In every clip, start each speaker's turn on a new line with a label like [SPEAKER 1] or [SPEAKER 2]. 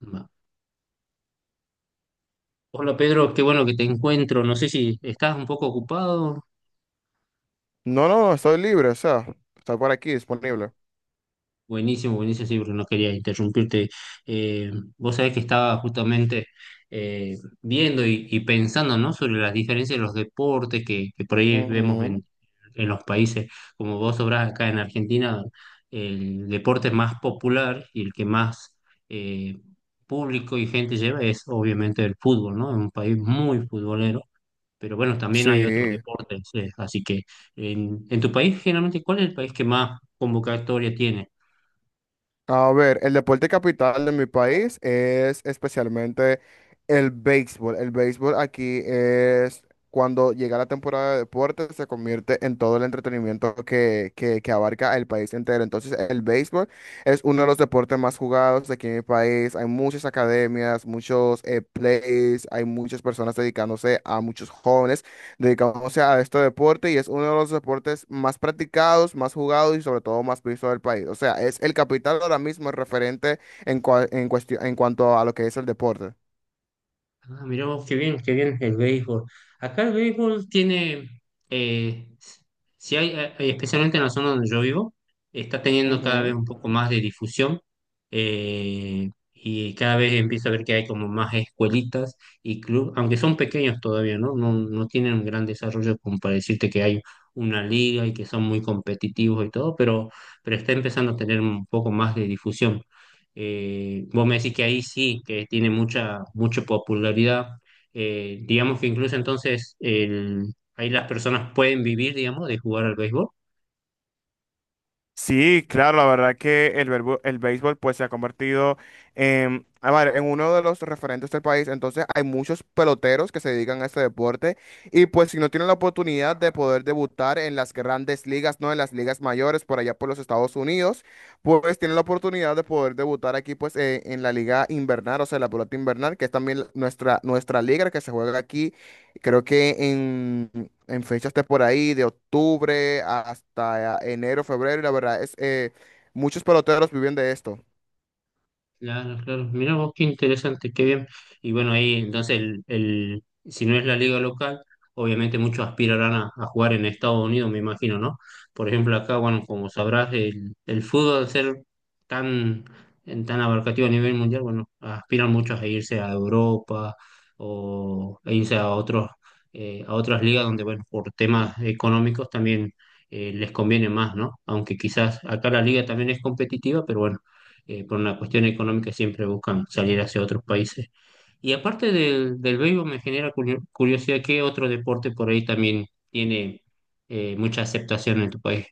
[SPEAKER 1] Va. Hola Pedro, qué bueno que te encuentro. No sé si estás un poco ocupado.
[SPEAKER 2] No, no, no, estoy libre, o sea, está por aquí disponible.
[SPEAKER 1] Buenísimo, buenísimo, sí, porque no quería interrumpirte. Eh, vos sabés que estaba justamente viendo y pensando, ¿no?, sobre las diferencias de los deportes que por ahí vemos
[SPEAKER 2] Ujú.
[SPEAKER 1] en los países. Como vos sabrás, acá en Argentina el deporte más popular y el que más eh, público y gente lleva es obviamente el fútbol, ¿no? Es un país muy futbolero, pero bueno, también hay otros
[SPEAKER 2] Sí.
[SPEAKER 1] deportes. Así que en tu país, generalmente, ¿cuál es el país que más convocatoria tiene?
[SPEAKER 2] A ver, el deporte capital de mi país es especialmente el béisbol. El béisbol aquí es cuando llega la temporada de deportes, se convierte en todo el entretenimiento que abarca el país entero. Entonces, el béisbol es uno de los deportes más jugados aquí en mi país. Hay muchas academias, muchos plays, hay muchas personas dedicándose a muchos jóvenes. Dedicándose a este deporte y es uno de los deportes más practicados, más jugados y sobre todo más visto del país. O sea, es el capital ahora mismo el referente en, en cuestión, en cuanto a lo que es el deporte.
[SPEAKER 1] Ah, mirá vos, qué bien el béisbol. Acá el béisbol tiene, eh, si hay, hay- especialmente en la zona donde yo vivo, está teniendo cada vez
[SPEAKER 2] Ujú.
[SPEAKER 1] un poco más de difusión, y cada vez empiezo a ver que hay como más escuelitas y club, aunque son pequeños todavía, ¿no? No, no tienen un gran desarrollo como para decirte que hay una liga y que son muy competitivos y todo, pero está empezando a tener un poco más de difusión. Vos me decís que ahí sí, que tiene mucha, mucha popularidad. Digamos que incluso entonces ahí las personas pueden vivir, digamos, de jugar al béisbol.
[SPEAKER 2] Sí, claro, la verdad que el béisbol pues se ha convertido en, a ver, en uno de los referentes del país. Entonces hay muchos peloteros que se dedican a este deporte y pues si no tienen la oportunidad de poder debutar en las grandes ligas, no en las ligas mayores por allá por los Estados Unidos, pues tienen la oportunidad de poder debutar aquí pues en la liga invernal, o sea, la pelota invernal, que es también nuestra, nuestra liga que se juega aquí. Creo que en fechas de por ahí, de octubre hasta enero, febrero, y la verdad es, muchos peloteros viven de esto.
[SPEAKER 1] Claro, claro. Mirá vos, qué interesante, qué bien. Y bueno, ahí entonces, si no es la liga local, obviamente muchos aspirarán a jugar en Estados Unidos, me imagino, ¿no? Por ejemplo, acá, bueno, como sabrás, el fútbol al ser tan, tan abarcativo a nivel mundial, bueno, aspiran muchos a irse a Europa o a irse a otros, a otras ligas donde, bueno, por temas económicos también les conviene más, ¿no? Aunque quizás acá la liga también es competitiva, pero bueno, por una cuestión económica siempre buscan salir hacia otros países. Y aparte del béisbol me genera curiosidad qué otro deporte por ahí también tiene mucha aceptación en tu país.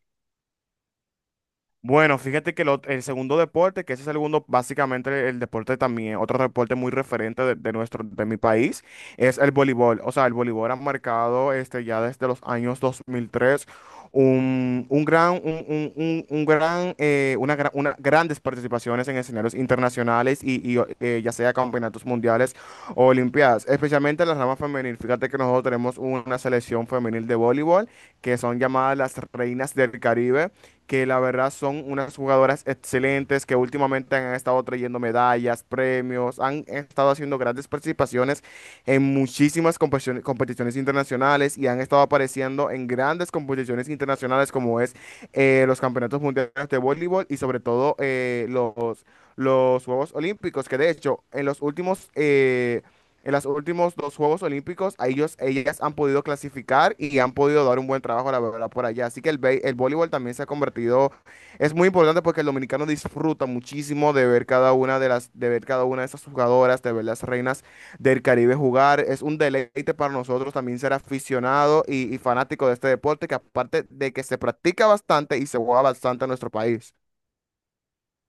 [SPEAKER 2] Bueno, fíjate que el segundo deporte, que ese es el segundo, básicamente el deporte también, otro deporte muy referente de nuestro, de mi país, es el voleibol. O sea, el voleibol ha marcado este, ya desde los años 2003 un gran, una, gra- una- grandes participaciones en escenarios internacionales y, ya sea campeonatos mundiales o olimpiadas, especialmente en la rama femenil. Fíjate que nosotros tenemos una selección femenil de voleibol que son llamadas las Reinas del Caribe, que la verdad son unas jugadoras excelentes, que últimamente han estado trayendo medallas, premios, han estado haciendo grandes participaciones en muchísimas competiciones, competiciones internacionales y han estado apareciendo en grandes competiciones internacionales como es los campeonatos mundiales de voleibol y sobre todo los Juegos Olímpicos, que de hecho en los en los últimos dos Juegos Olímpicos, a ellas han podido clasificar y han podido dar un buen trabajo, la verdad, por allá. Así que el voleibol también se ha convertido, es muy importante porque el dominicano disfruta muchísimo de ver cada una de ver cada una de esas jugadoras, de ver las Reinas del Caribe jugar. Es un deleite para nosotros también ser aficionado y fanático de este deporte, que aparte de que se practica bastante y se juega bastante en nuestro país.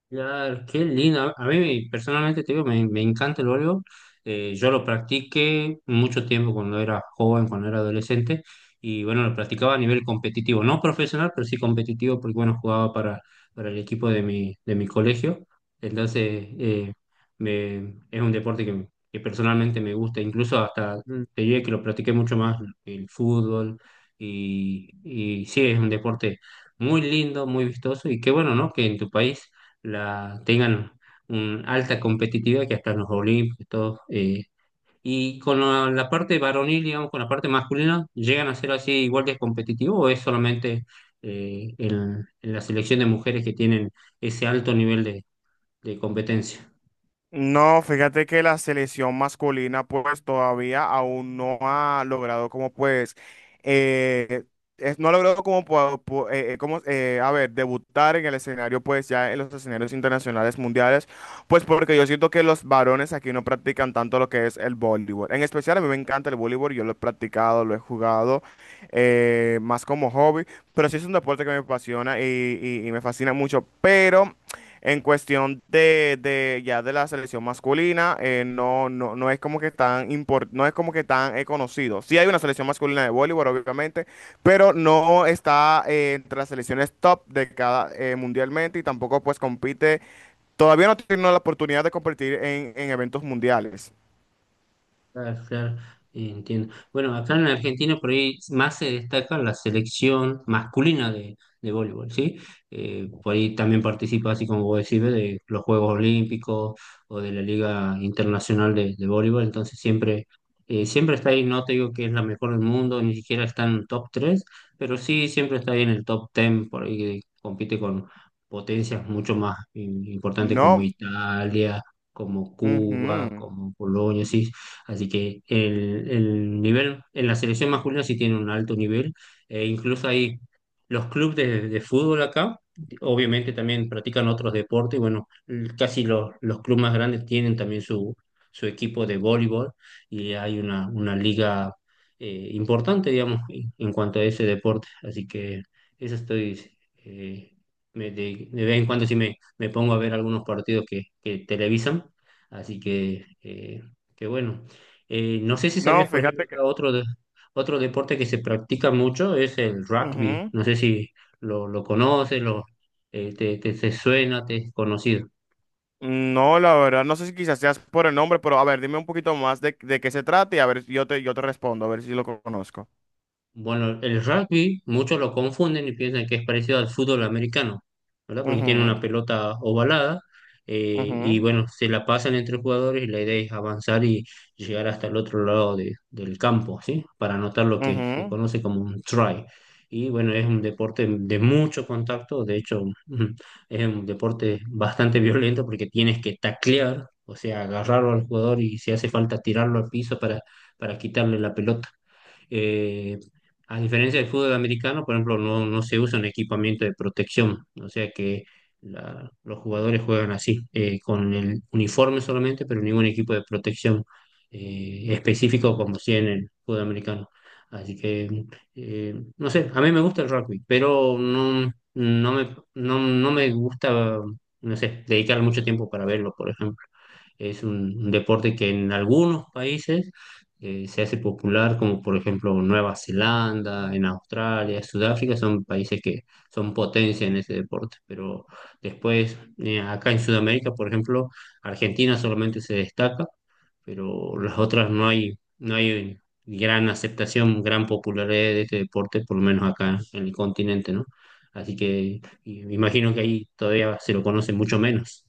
[SPEAKER 1] Claro, qué lindo. A mí personalmente te digo, me encanta el voleibol. Yo lo practiqué mucho tiempo cuando era joven, cuando era adolescente, y bueno, lo practicaba a nivel competitivo, no profesional, pero sí competitivo, porque bueno, jugaba para el equipo de mi colegio. Entonces, es un deporte que personalmente me gusta, incluso hasta te diré que lo practiqué mucho más el fútbol, y sí, es un deporte muy lindo, muy vistoso, y qué bueno, ¿no?, que en tu país tengan una alta competitividad que hasta en los Olímpicos, todo. Y con la parte varonil, digamos, con la parte masculina, ¿llegan a ser así igual de competitivo o es solamente en la selección de mujeres que tienen ese alto nivel de competencia?
[SPEAKER 2] No, fíjate que la selección masculina pues todavía aún no ha logrado como pues, eh, no ha logrado como, a ver, debutar en el escenario pues ya en los escenarios internacionales mundiales, pues porque yo siento que los varones aquí no practican tanto lo que es el voleibol. En especial a mí me encanta el voleibol, yo lo he practicado, lo he jugado más como hobby, pero sí es un deporte que me apasiona y, y me fascina mucho, pero... En cuestión de ya de la selección masculina, no, no, no es como que tan no es como que tan conocido. Sí hay una selección masculina de voleibol, obviamente, pero no está entre las selecciones top de cada mundialmente y tampoco pues compite. Todavía no tiene la oportunidad de competir en eventos mundiales.
[SPEAKER 1] Claro, claro, entiendo. Bueno, acá en Argentina por ahí más se destaca la selección masculina de voleibol, ¿sí? Por ahí también participa, así como vos decís, de los Juegos Olímpicos o de la Liga Internacional de Voleibol, entonces siempre, siempre está ahí, no te digo que es la mejor del mundo, ni siquiera está en el top 3, pero sí siempre está ahí en el top 10, por ahí que compite con potencias mucho más importantes como
[SPEAKER 2] No,
[SPEAKER 1] Italia, como Cuba,
[SPEAKER 2] ujú.
[SPEAKER 1] como Polonia, sí. Así que el nivel en la selección masculina sí tiene un alto nivel. E incluso hay los clubes de fútbol acá, obviamente también practican otros deportes. Bueno, casi los clubes más grandes tienen también su equipo de voleibol y hay una liga importante, digamos, en cuanto a ese deporte. Así que eso estoy... eh, de vez en cuando sí me pongo a ver algunos partidos que televisan, así que bueno. Eh, no sé si
[SPEAKER 2] No,
[SPEAKER 1] sabías, por ejemplo,
[SPEAKER 2] fíjate que.
[SPEAKER 1] acá otro deporte que se practica mucho es el rugby.
[SPEAKER 2] Ujú.
[SPEAKER 1] No sé si lo conoces, lo, te suena, te es conocido.
[SPEAKER 2] No, la verdad, no sé si quizás seas por el nombre, pero a ver, dime un poquito más de qué se trata y a ver, yo te respondo, a ver si lo conozco.
[SPEAKER 1] Bueno, el rugby muchos lo confunden y piensan que es parecido al fútbol americano, ¿verdad? Porque tiene
[SPEAKER 2] Ujú,
[SPEAKER 1] una pelota ovalada, y
[SPEAKER 2] ujú,
[SPEAKER 1] bueno, se la pasan entre jugadores y la idea es avanzar y llegar hasta el otro lado del campo, ¿sí? Para anotar lo que se
[SPEAKER 2] ujú.
[SPEAKER 1] conoce como un try. Y bueno, es un deporte de mucho contacto. De hecho, es un deporte bastante violento porque tienes que taclear, o sea, agarrarlo al jugador y si hace falta tirarlo al piso para quitarle la pelota. Eh, a diferencia del fútbol americano, por ejemplo, no, no se usa un equipamiento de protección, o sea que los jugadores juegan así, con el uniforme solamente, pero ningún equipo de protección específico como si en el fútbol americano. Así que, no sé, a mí me gusta el rugby, pero no, no me, no, no me gusta, no sé, dedicar mucho tiempo para verlo, por ejemplo. Es un deporte que en algunos países se hace popular, como por ejemplo Nueva Zelanda, en Australia, Sudáfrica, son países que son potencia en ese deporte. Pero después, acá en Sudamérica, por ejemplo, Argentina solamente se destaca, pero las otras no hay, no hay gran aceptación, gran popularidad de este deporte, por lo menos acá en el continente, ¿no? Así que imagino que ahí todavía se lo conoce mucho menos.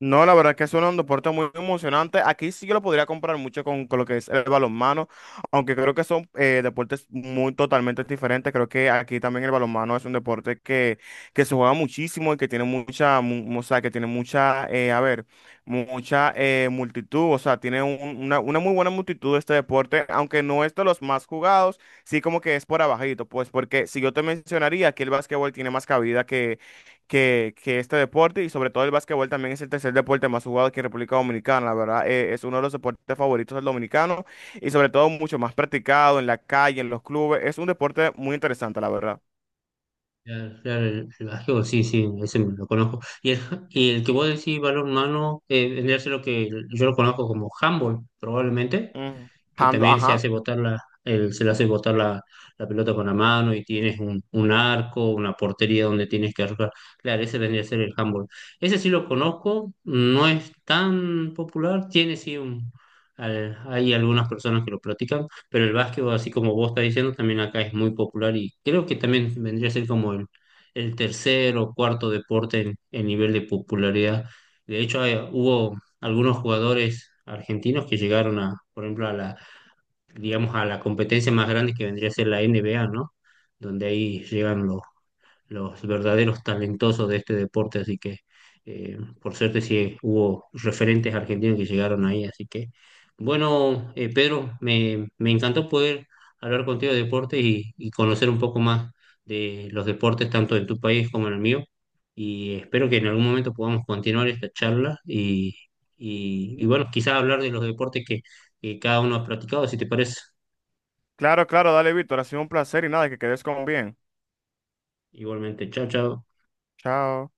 [SPEAKER 2] No, la verdad que es un deporte muy emocionante. Aquí sí que lo podría comprar mucho con lo que es el balonmano, aunque creo que son deportes muy totalmente diferentes. Creo que aquí también el balonmano es un deporte que se juega muchísimo y que tiene mucha, o sea, que tiene mucha, a ver, mucha multitud. O sea, tiene una muy buena multitud este deporte, aunque no es de los más jugados, sí como que es por abajito, pues porque si yo te mencionaría que el básquetbol tiene más cabida que este deporte y sobre todo el básquetbol también es el tercer deporte más jugado aquí en República Dominicana. La verdad, es uno de los deportes favoritos del dominicano y sobre todo mucho más practicado en la calle, en los clubes. Es un deporte muy interesante, la verdad.
[SPEAKER 1] Claro, claro, el básquetbol, sí, sí, ese me lo conozco. Y el, y el que vos decís balón humano, vendría a ser lo que yo lo conozco como handball, probablemente,
[SPEAKER 2] Ujú.
[SPEAKER 1] que
[SPEAKER 2] Hand-
[SPEAKER 1] también se
[SPEAKER 2] Ajá.
[SPEAKER 1] hace botar la, se le hace botar la pelota con la mano y tienes un arco, una portería donde tienes que arrojar. Claro, ese vendría a ser el handball. Ese sí lo conozco, no es tan popular, tiene sí un... hay algunas personas que lo practican, pero el básquetbol, así como vos estás diciendo, también acá es muy popular y creo que también vendría a ser como el tercer o cuarto deporte en nivel de popularidad. De hecho, hubo algunos jugadores argentinos que llegaron a, por ejemplo, a la, digamos, a la competencia más grande que vendría a ser la NBA, ¿no? Donde ahí llegan los verdaderos talentosos de este deporte, así que, por suerte sí hubo referentes argentinos que llegaron ahí, así que bueno. Eh, Pedro, me encantó poder hablar contigo de deportes y conocer un poco más de los deportes, tanto en tu país como en el mío, y espero que en algún momento podamos continuar esta charla y bueno, quizás hablar de los deportes que cada uno ha practicado, si te parece.
[SPEAKER 2] Claro, claro, dale, Víctor. Ha sido un placer y nada, que quedes con bien.
[SPEAKER 1] Igualmente, chao, chao.
[SPEAKER 2] Chao.